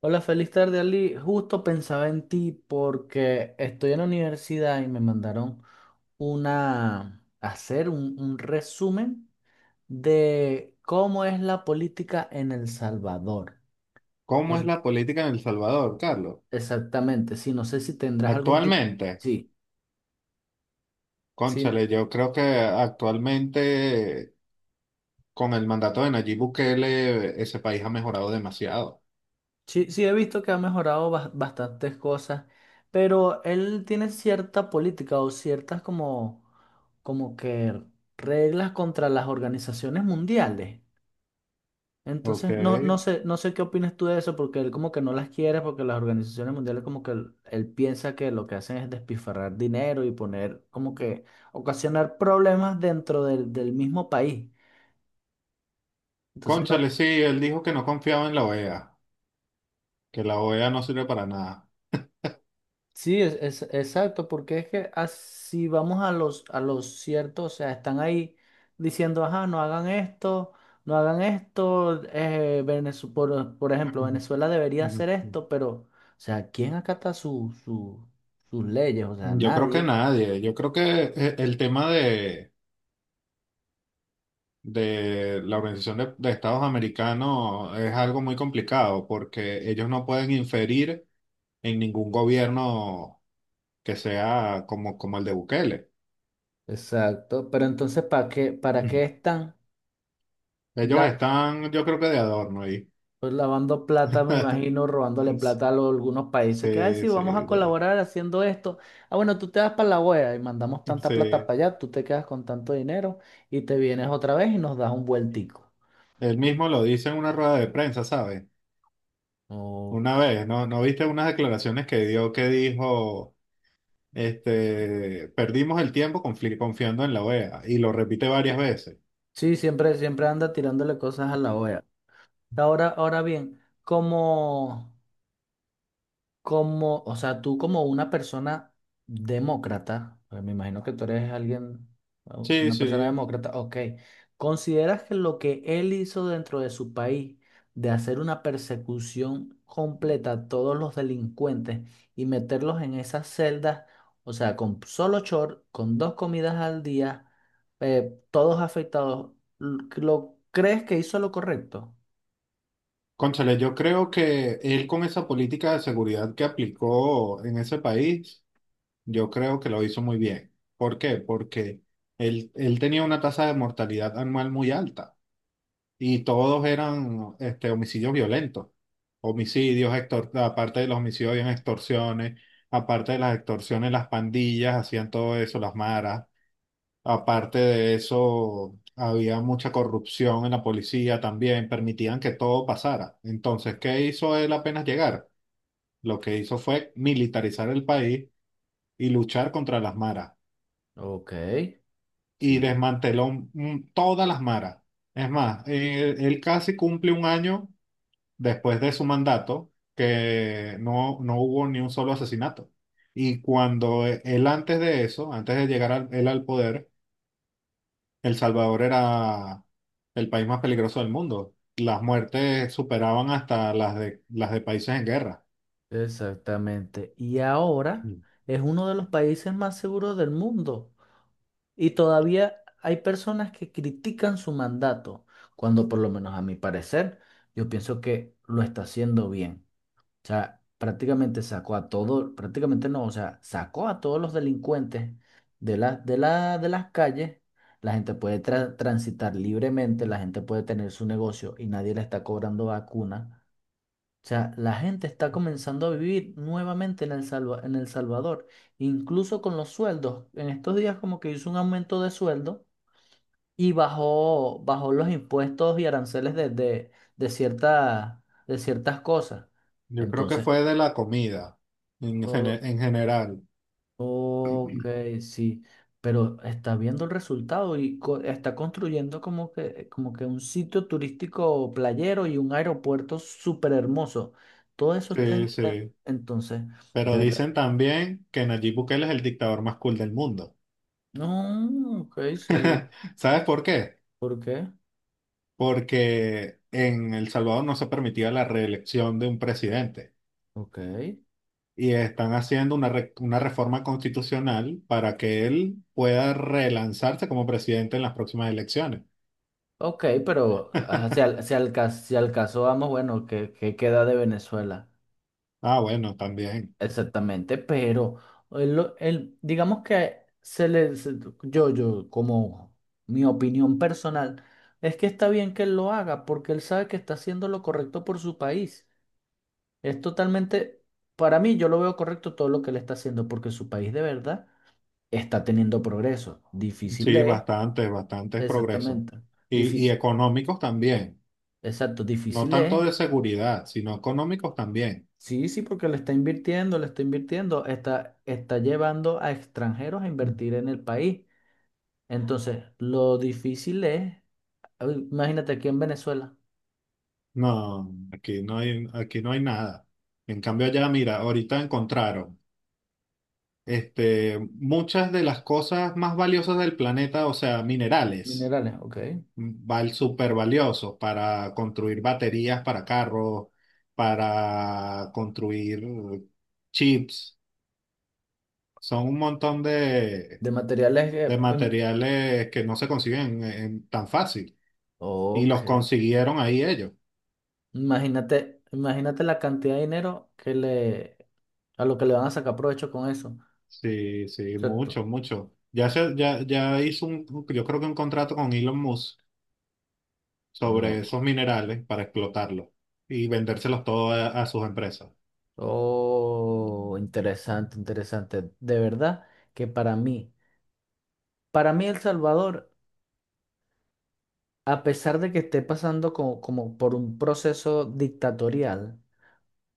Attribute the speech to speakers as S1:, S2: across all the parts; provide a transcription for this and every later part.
S1: Hola, feliz tarde, Ali. Justo pensaba en ti porque estoy en la universidad y me mandaron un resumen de cómo es la política en El Salvador. No
S2: ¿Cómo es
S1: s-
S2: la política en El Salvador, Carlos?
S1: Exactamente, sí, no sé si tendrás algún tipo.
S2: Actualmente,
S1: Sí, sí,
S2: cónchale, yo creo que actualmente con el mandato de Nayib Bukele ese país ha mejorado demasiado.
S1: sí, sí he visto que ha mejorado bastantes cosas, pero él tiene cierta política o ciertas como, como que reglas contra las organizaciones mundiales.
S2: Ok.
S1: Entonces, no, no sé, no sé qué opinas tú de eso, porque él como que no las quiere, porque las organizaciones mundiales como que él piensa que lo que hacen es despilfarrar dinero y poner como que ocasionar problemas dentro del mismo país. Entonces, no,
S2: Cónchale, sí, él dijo que no confiaba en la OEA, que la OEA no sirve para nada.
S1: sí, exacto, porque es que así vamos a los ciertos, o sea, están ahí diciendo, ajá, no hagan esto, no hagan esto, por ejemplo, Venezuela debería hacer esto, pero, o sea, ¿quién acata sus leyes? O sea,
S2: Yo creo que
S1: nadie.
S2: nadie, yo creo que el tema de la Organización de Estados Americanos es algo muy complicado porque ellos no pueden inferir en ningún gobierno que sea como, como el de Bukele.
S1: Exacto, pero entonces, para qué
S2: Mm.
S1: están?
S2: Ellos están, yo creo que de adorno ahí.
S1: Pues lavando plata, me imagino, robándole plata algunos países que, ay,
S2: Sí,
S1: sí, vamos a
S2: sí, ya.
S1: colaborar haciendo esto. Ah, bueno, tú te vas para la OEA y mandamos tanta plata
S2: Sí.
S1: para allá, tú te quedas con tanto dinero y te vienes otra vez y nos das un vueltico.
S2: Él mismo lo dice en una rueda de prensa, ¿sabes? Una
S1: Ok.
S2: vez, ¿no? ¿No viste unas declaraciones que dio que dijo, perdimos el tiempo confiando en la OEA? Y lo repite varias veces.
S1: Sí, siempre, siempre anda tirándole cosas a la OEA. Ahora, ahora bien, como... Como, o sea, tú como una persona demócrata, porque me imagino que tú eres alguien,
S2: Sí,
S1: una persona
S2: sí.
S1: demócrata, ok, ¿consideras que lo que él hizo dentro de su país, de hacer una persecución completa a todos los delincuentes y meterlos en esas celdas, o sea, con solo short, con dos comidas al día, todos afectados, ¿lo crees que hizo lo correcto?
S2: Cónchale, yo creo que él con esa política de seguridad que aplicó en ese país, yo creo que lo hizo muy bien. ¿Por qué? Porque él tenía una tasa de mortalidad anual muy alta y todos eran homicidios violentos. Homicidios, aparte de los homicidios, habían extorsiones, aparte de las extorsiones, las pandillas hacían todo eso, las maras. Aparte de eso, había mucha corrupción en la policía también, permitían que todo pasara. Entonces, ¿qué hizo él apenas llegar? Lo que hizo fue militarizar el país y luchar contra las maras.
S1: Ok,
S2: Y
S1: sí.
S2: desmanteló todas las maras. Es más, él casi cumple un año después de su mandato que no hubo ni un solo asesinato. Y cuando él antes de eso, antes de llegar al- él al poder, El Salvador era el país más peligroso del mundo. Las muertes superaban hasta las de países en guerra.
S1: Exactamente. Y ahora
S2: Mm.
S1: es uno de los países más seguros del mundo. Y todavía hay personas que critican su mandato, cuando por lo menos a mi parecer, yo pienso que lo está haciendo bien. O sea, prácticamente sacó a todos, prácticamente no, o sea, sacó a todos los delincuentes de las calles. La gente puede transitar libremente, la gente puede tener su negocio y nadie le está cobrando vacuna. O sea, la gente está comenzando a vivir nuevamente en en El Salvador, incluso con los sueldos. En estos días como que hizo un aumento de sueldo y bajó los impuestos y aranceles de ciertas cosas.
S2: Yo creo que
S1: Entonces,
S2: fue de la comida en, en general.
S1: ok, sí, pero está viendo el resultado y está construyendo como que un sitio turístico playero y un aeropuerto súper hermoso. Todo eso está en...
S2: Sí, sí.
S1: Entonces, de
S2: Pero
S1: verdad.
S2: dicen también que Nayib Bukele es el dictador más cool del mundo.
S1: No, ok, sí.
S2: ¿Sabes por qué?
S1: ¿Por qué?
S2: Porque en El Salvador no se permitía la reelección de un presidente.
S1: Ok.
S2: Y están haciendo una, una reforma constitucional para que él pueda relanzarse como presidente en las próximas elecciones.
S1: Ok, pero ah, si al caso vamos, bueno, ¿qué, qué queda de Venezuela?
S2: Ah, bueno, también.
S1: Exactamente, pero digamos que como mi opinión personal, es que está bien que él lo haga porque él sabe que está haciendo lo correcto por su país. Es totalmente, para mí, yo lo veo correcto todo lo que él está haciendo porque su país de verdad está teniendo progreso. Difícil
S2: Sí,
S1: es,
S2: bastantes, bastantes progresos.
S1: exactamente,
S2: Y
S1: difícil,
S2: económicos también.
S1: exacto,
S2: No
S1: difícil es.
S2: tanto de seguridad, sino económicos también.
S1: Sí, sí, porque le está invirtiendo, está llevando a extranjeros a invertir en el país. Entonces, lo difícil es, a ver, imagínate aquí en Venezuela,
S2: No, aquí no hay nada. En cambio, allá, mira, ahorita encontraron muchas de las cosas más valiosas del planeta, o sea, minerales.
S1: minerales, ok.
S2: Val Súper valiosos para construir baterías para carros, para construir chips. Son un montón
S1: De materiales que,
S2: de
S1: em,
S2: materiales que no se consiguen tan fácil. Y los
S1: ok.
S2: consiguieron ahí ellos.
S1: Imagínate, imagínate la cantidad de dinero que le, a lo que le van a sacar provecho con eso,
S2: Sí, sí,
S1: ¿cierto?
S2: mucho, mucho. Ya hizo un, yo creo que un contrato con Elon Musk sobre
S1: No.
S2: esos minerales para explotarlos y vendérselos todos a sus empresas.
S1: Oh, interesante, interesante. De verdad que para mí El Salvador, a pesar de que esté pasando como, como por un proceso dictatorial,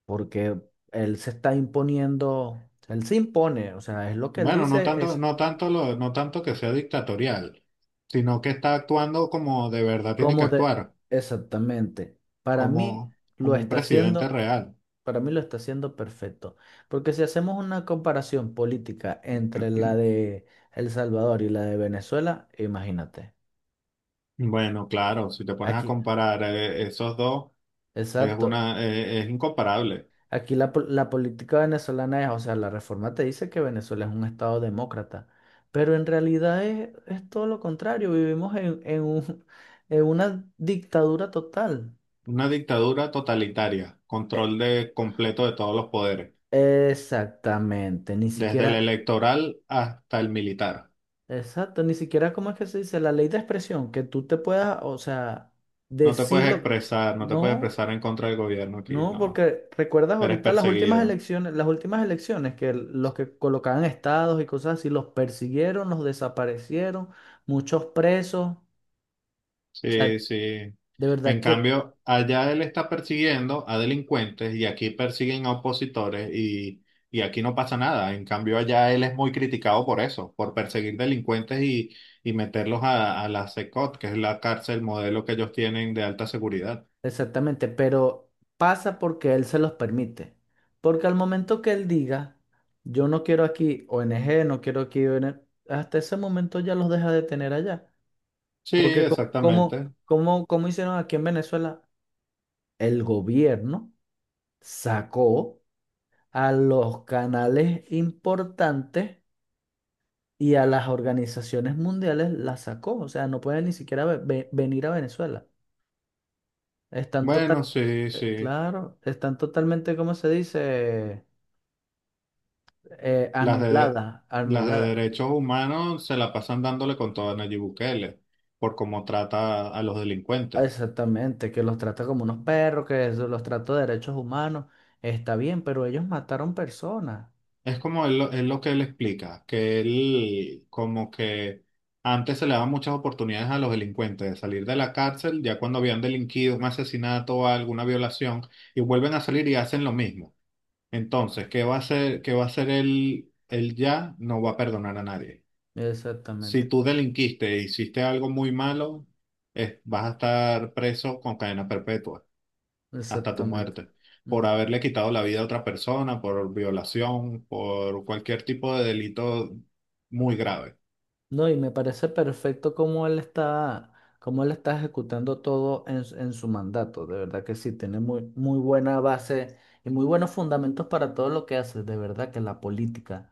S1: porque él se está imponiendo, él se impone, o sea, es lo que él
S2: Bueno,
S1: dice, es
S2: no tanto no tanto que sea dictatorial, sino que está actuando como de verdad tiene que
S1: como de,
S2: actuar,
S1: exactamente, para mí
S2: como,
S1: lo
S2: como un
S1: está
S2: presidente
S1: haciendo,
S2: real.
S1: para mí lo está haciendo perfecto, porque si hacemos una comparación política entre la de El Salvador y la de Venezuela, imagínate,
S2: Bueno, claro, si te pones a
S1: aquí,
S2: comparar esos dos, es
S1: exacto.
S2: una, es incomparable.
S1: Aquí la, la política venezolana es, o sea, la reforma te dice que Venezuela es un estado demócrata, pero en realidad es todo lo contrario, vivimos en en una dictadura total.
S2: Una dictadura totalitaria,
S1: E-
S2: control de completo de todos los poderes,
S1: Exactamente, ni
S2: desde el
S1: siquiera,
S2: electoral hasta el militar.
S1: exacto, ni siquiera, ¿cómo es que se dice? La ley de expresión, que tú te puedas, o sea, decirlo,
S2: No te puedes
S1: no.
S2: expresar en contra del gobierno aquí,
S1: No,
S2: no.
S1: porque recuerdas
S2: Eres
S1: ahorita
S2: perseguido.
S1: las últimas elecciones que los que colocaban estados y cosas así, los persiguieron, los desaparecieron, muchos presos. O
S2: Sí,
S1: sea,
S2: sí.
S1: de verdad
S2: En
S1: que
S2: cambio, allá él está persiguiendo a delincuentes y aquí persiguen a opositores y aquí no pasa nada. En cambio, allá él es muy criticado por eso, por perseguir delincuentes y meterlos a la CECOT, que es la cárcel modelo que ellos tienen de alta seguridad.
S1: exactamente, pero pasa porque él se los permite. Porque al momento que él diga, yo no quiero aquí o n g no quiero aquí ONG, hasta ese momento ya los deja de tener allá.
S2: Sí,
S1: Porque
S2: exactamente.
S1: como hicieron aquí en Venezuela, el gobierno sacó a los canales importantes y a las organizaciones mundiales las sacó. O sea, no pueden ni siquiera venir a Venezuela. Están total,
S2: Bueno, sí, sí.
S1: claro, están totalmente, ¿cómo se dice?
S2: Las de,
S1: Anulada,
S2: las de
S1: anulada.
S2: derechos humanos se la pasan dándole con todo a Nayib Bukele por cómo trata a los delincuentes.
S1: Exactamente, que los trata como unos perros, que eso, los trata de derechos humanos. Está bien, pero ellos mataron personas.
S2: Es como él, es lo que él explica, que él como que antes se le daban muchas oportunidades a los delincuentes de salir de la cárcel, ya cuando habían delinquido un asesinato o alguna violación, y vuelven a salir y hacen lo mismo. Entonces, ¿qué va a hacer él, él ya? No va a perdonar a nadie. Si
S1: Exactamente,
S2: tú delinquiste e hiciste algo muy malo, vas a estar preso con cadena perpetua hasta tu
S1: exactamente.
S2: muerte,
S1: Mm.
S2: por haberle quitado la vida a otra persona, por violación, por cualquier tipo de delito muy grave.
S1: No, y me parece perfecto cómo él está ejecutando todo en su mandato. De verdad que sí, tiene muy, muy buena base y muy buenos fundamentos para todo lo que hace. De verdad que la política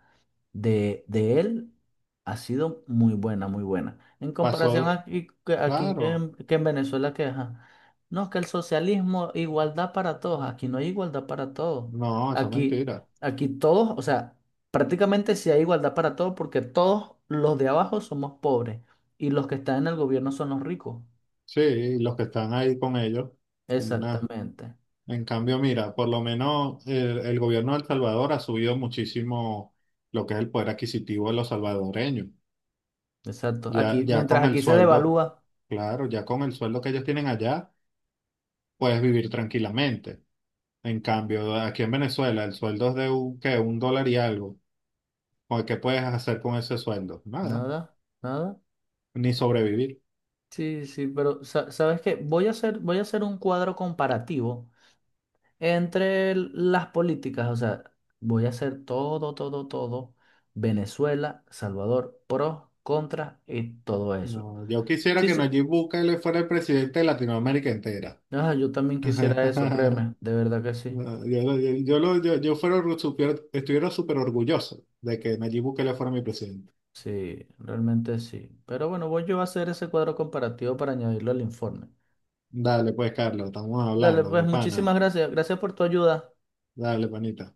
S1: de él ha sido muy buena, muy buena. En comparación
S2: Pasó,
S1: aquí, aquí
S2: claro,
S1: que en Venezuela, que ajá, no, que el socialismo, igualdad para todos. Aquí no hay igualdad para todos.
S2: no, eso es
S1: Aquí,
S2: mentira.
S1: aquí todos, o sea, prácticamente sí hay igualdad para todos porque todos los de abajo somos pobres y los que están en el gobierno son los ricos.
S2: Sí, los que están ahí con ellos, como una...
S1: Exactamente,
S2: En cambio, mira, por lo menos el gobierno de El Salvador ha subido muchísimo lo que es el poder adquisitivo de los salvadoreños.
S1: exacto.
S2: Ya,
S1: Aquí,
S2: ya
S1: mientras
S2: con el
S1: aquí se
S2: sueldo,
S1: devalúa,
S2: claro, ya con el sueldo que ellos tienen allá puedes vivir tranquilamente. En cambio, aquí en Venezuela el sueldo es de un, ¿qué? Un dólar y algo. ¿O ¿Qué puedes hacer con ese sueldo? Nada,
S1: nada, nada.
S2: ni sobrevivir.
S1: Sí, sí, pero ¿sabes qué? Voy a hacer un cuadro comparativo entre las políticas, o sea, voy a hacer todo, todo, todo, Venezuela, Salvador, pros, contras y todo eso.
S2: No, yo quisiera
S1: Sí,
S2: que
S1: sí.
S2: Nayib Bukele fuera el presidente de Latinoamérica entera.
S1: Ah, yo también quisiera eso, créeme, de verdad que sí.
S2: No, yo, lo- yo, lo- yo- Yo fuera, estuviera súper orgulloso de que Nayib Bukele fuera mi presidente.
S1: Sí, realmente sí. Pero bueno, voy yo a hacer ese cuadro comparativo para añadirlo al informe.
S2: Dale, pues, Carlos, estamos
S1: Dale,
S2: hablando, mi
S1: pues
S2: pana.
S1: muchísimas gracias. Gracias por tu ayuda.
S2: Dale, panita.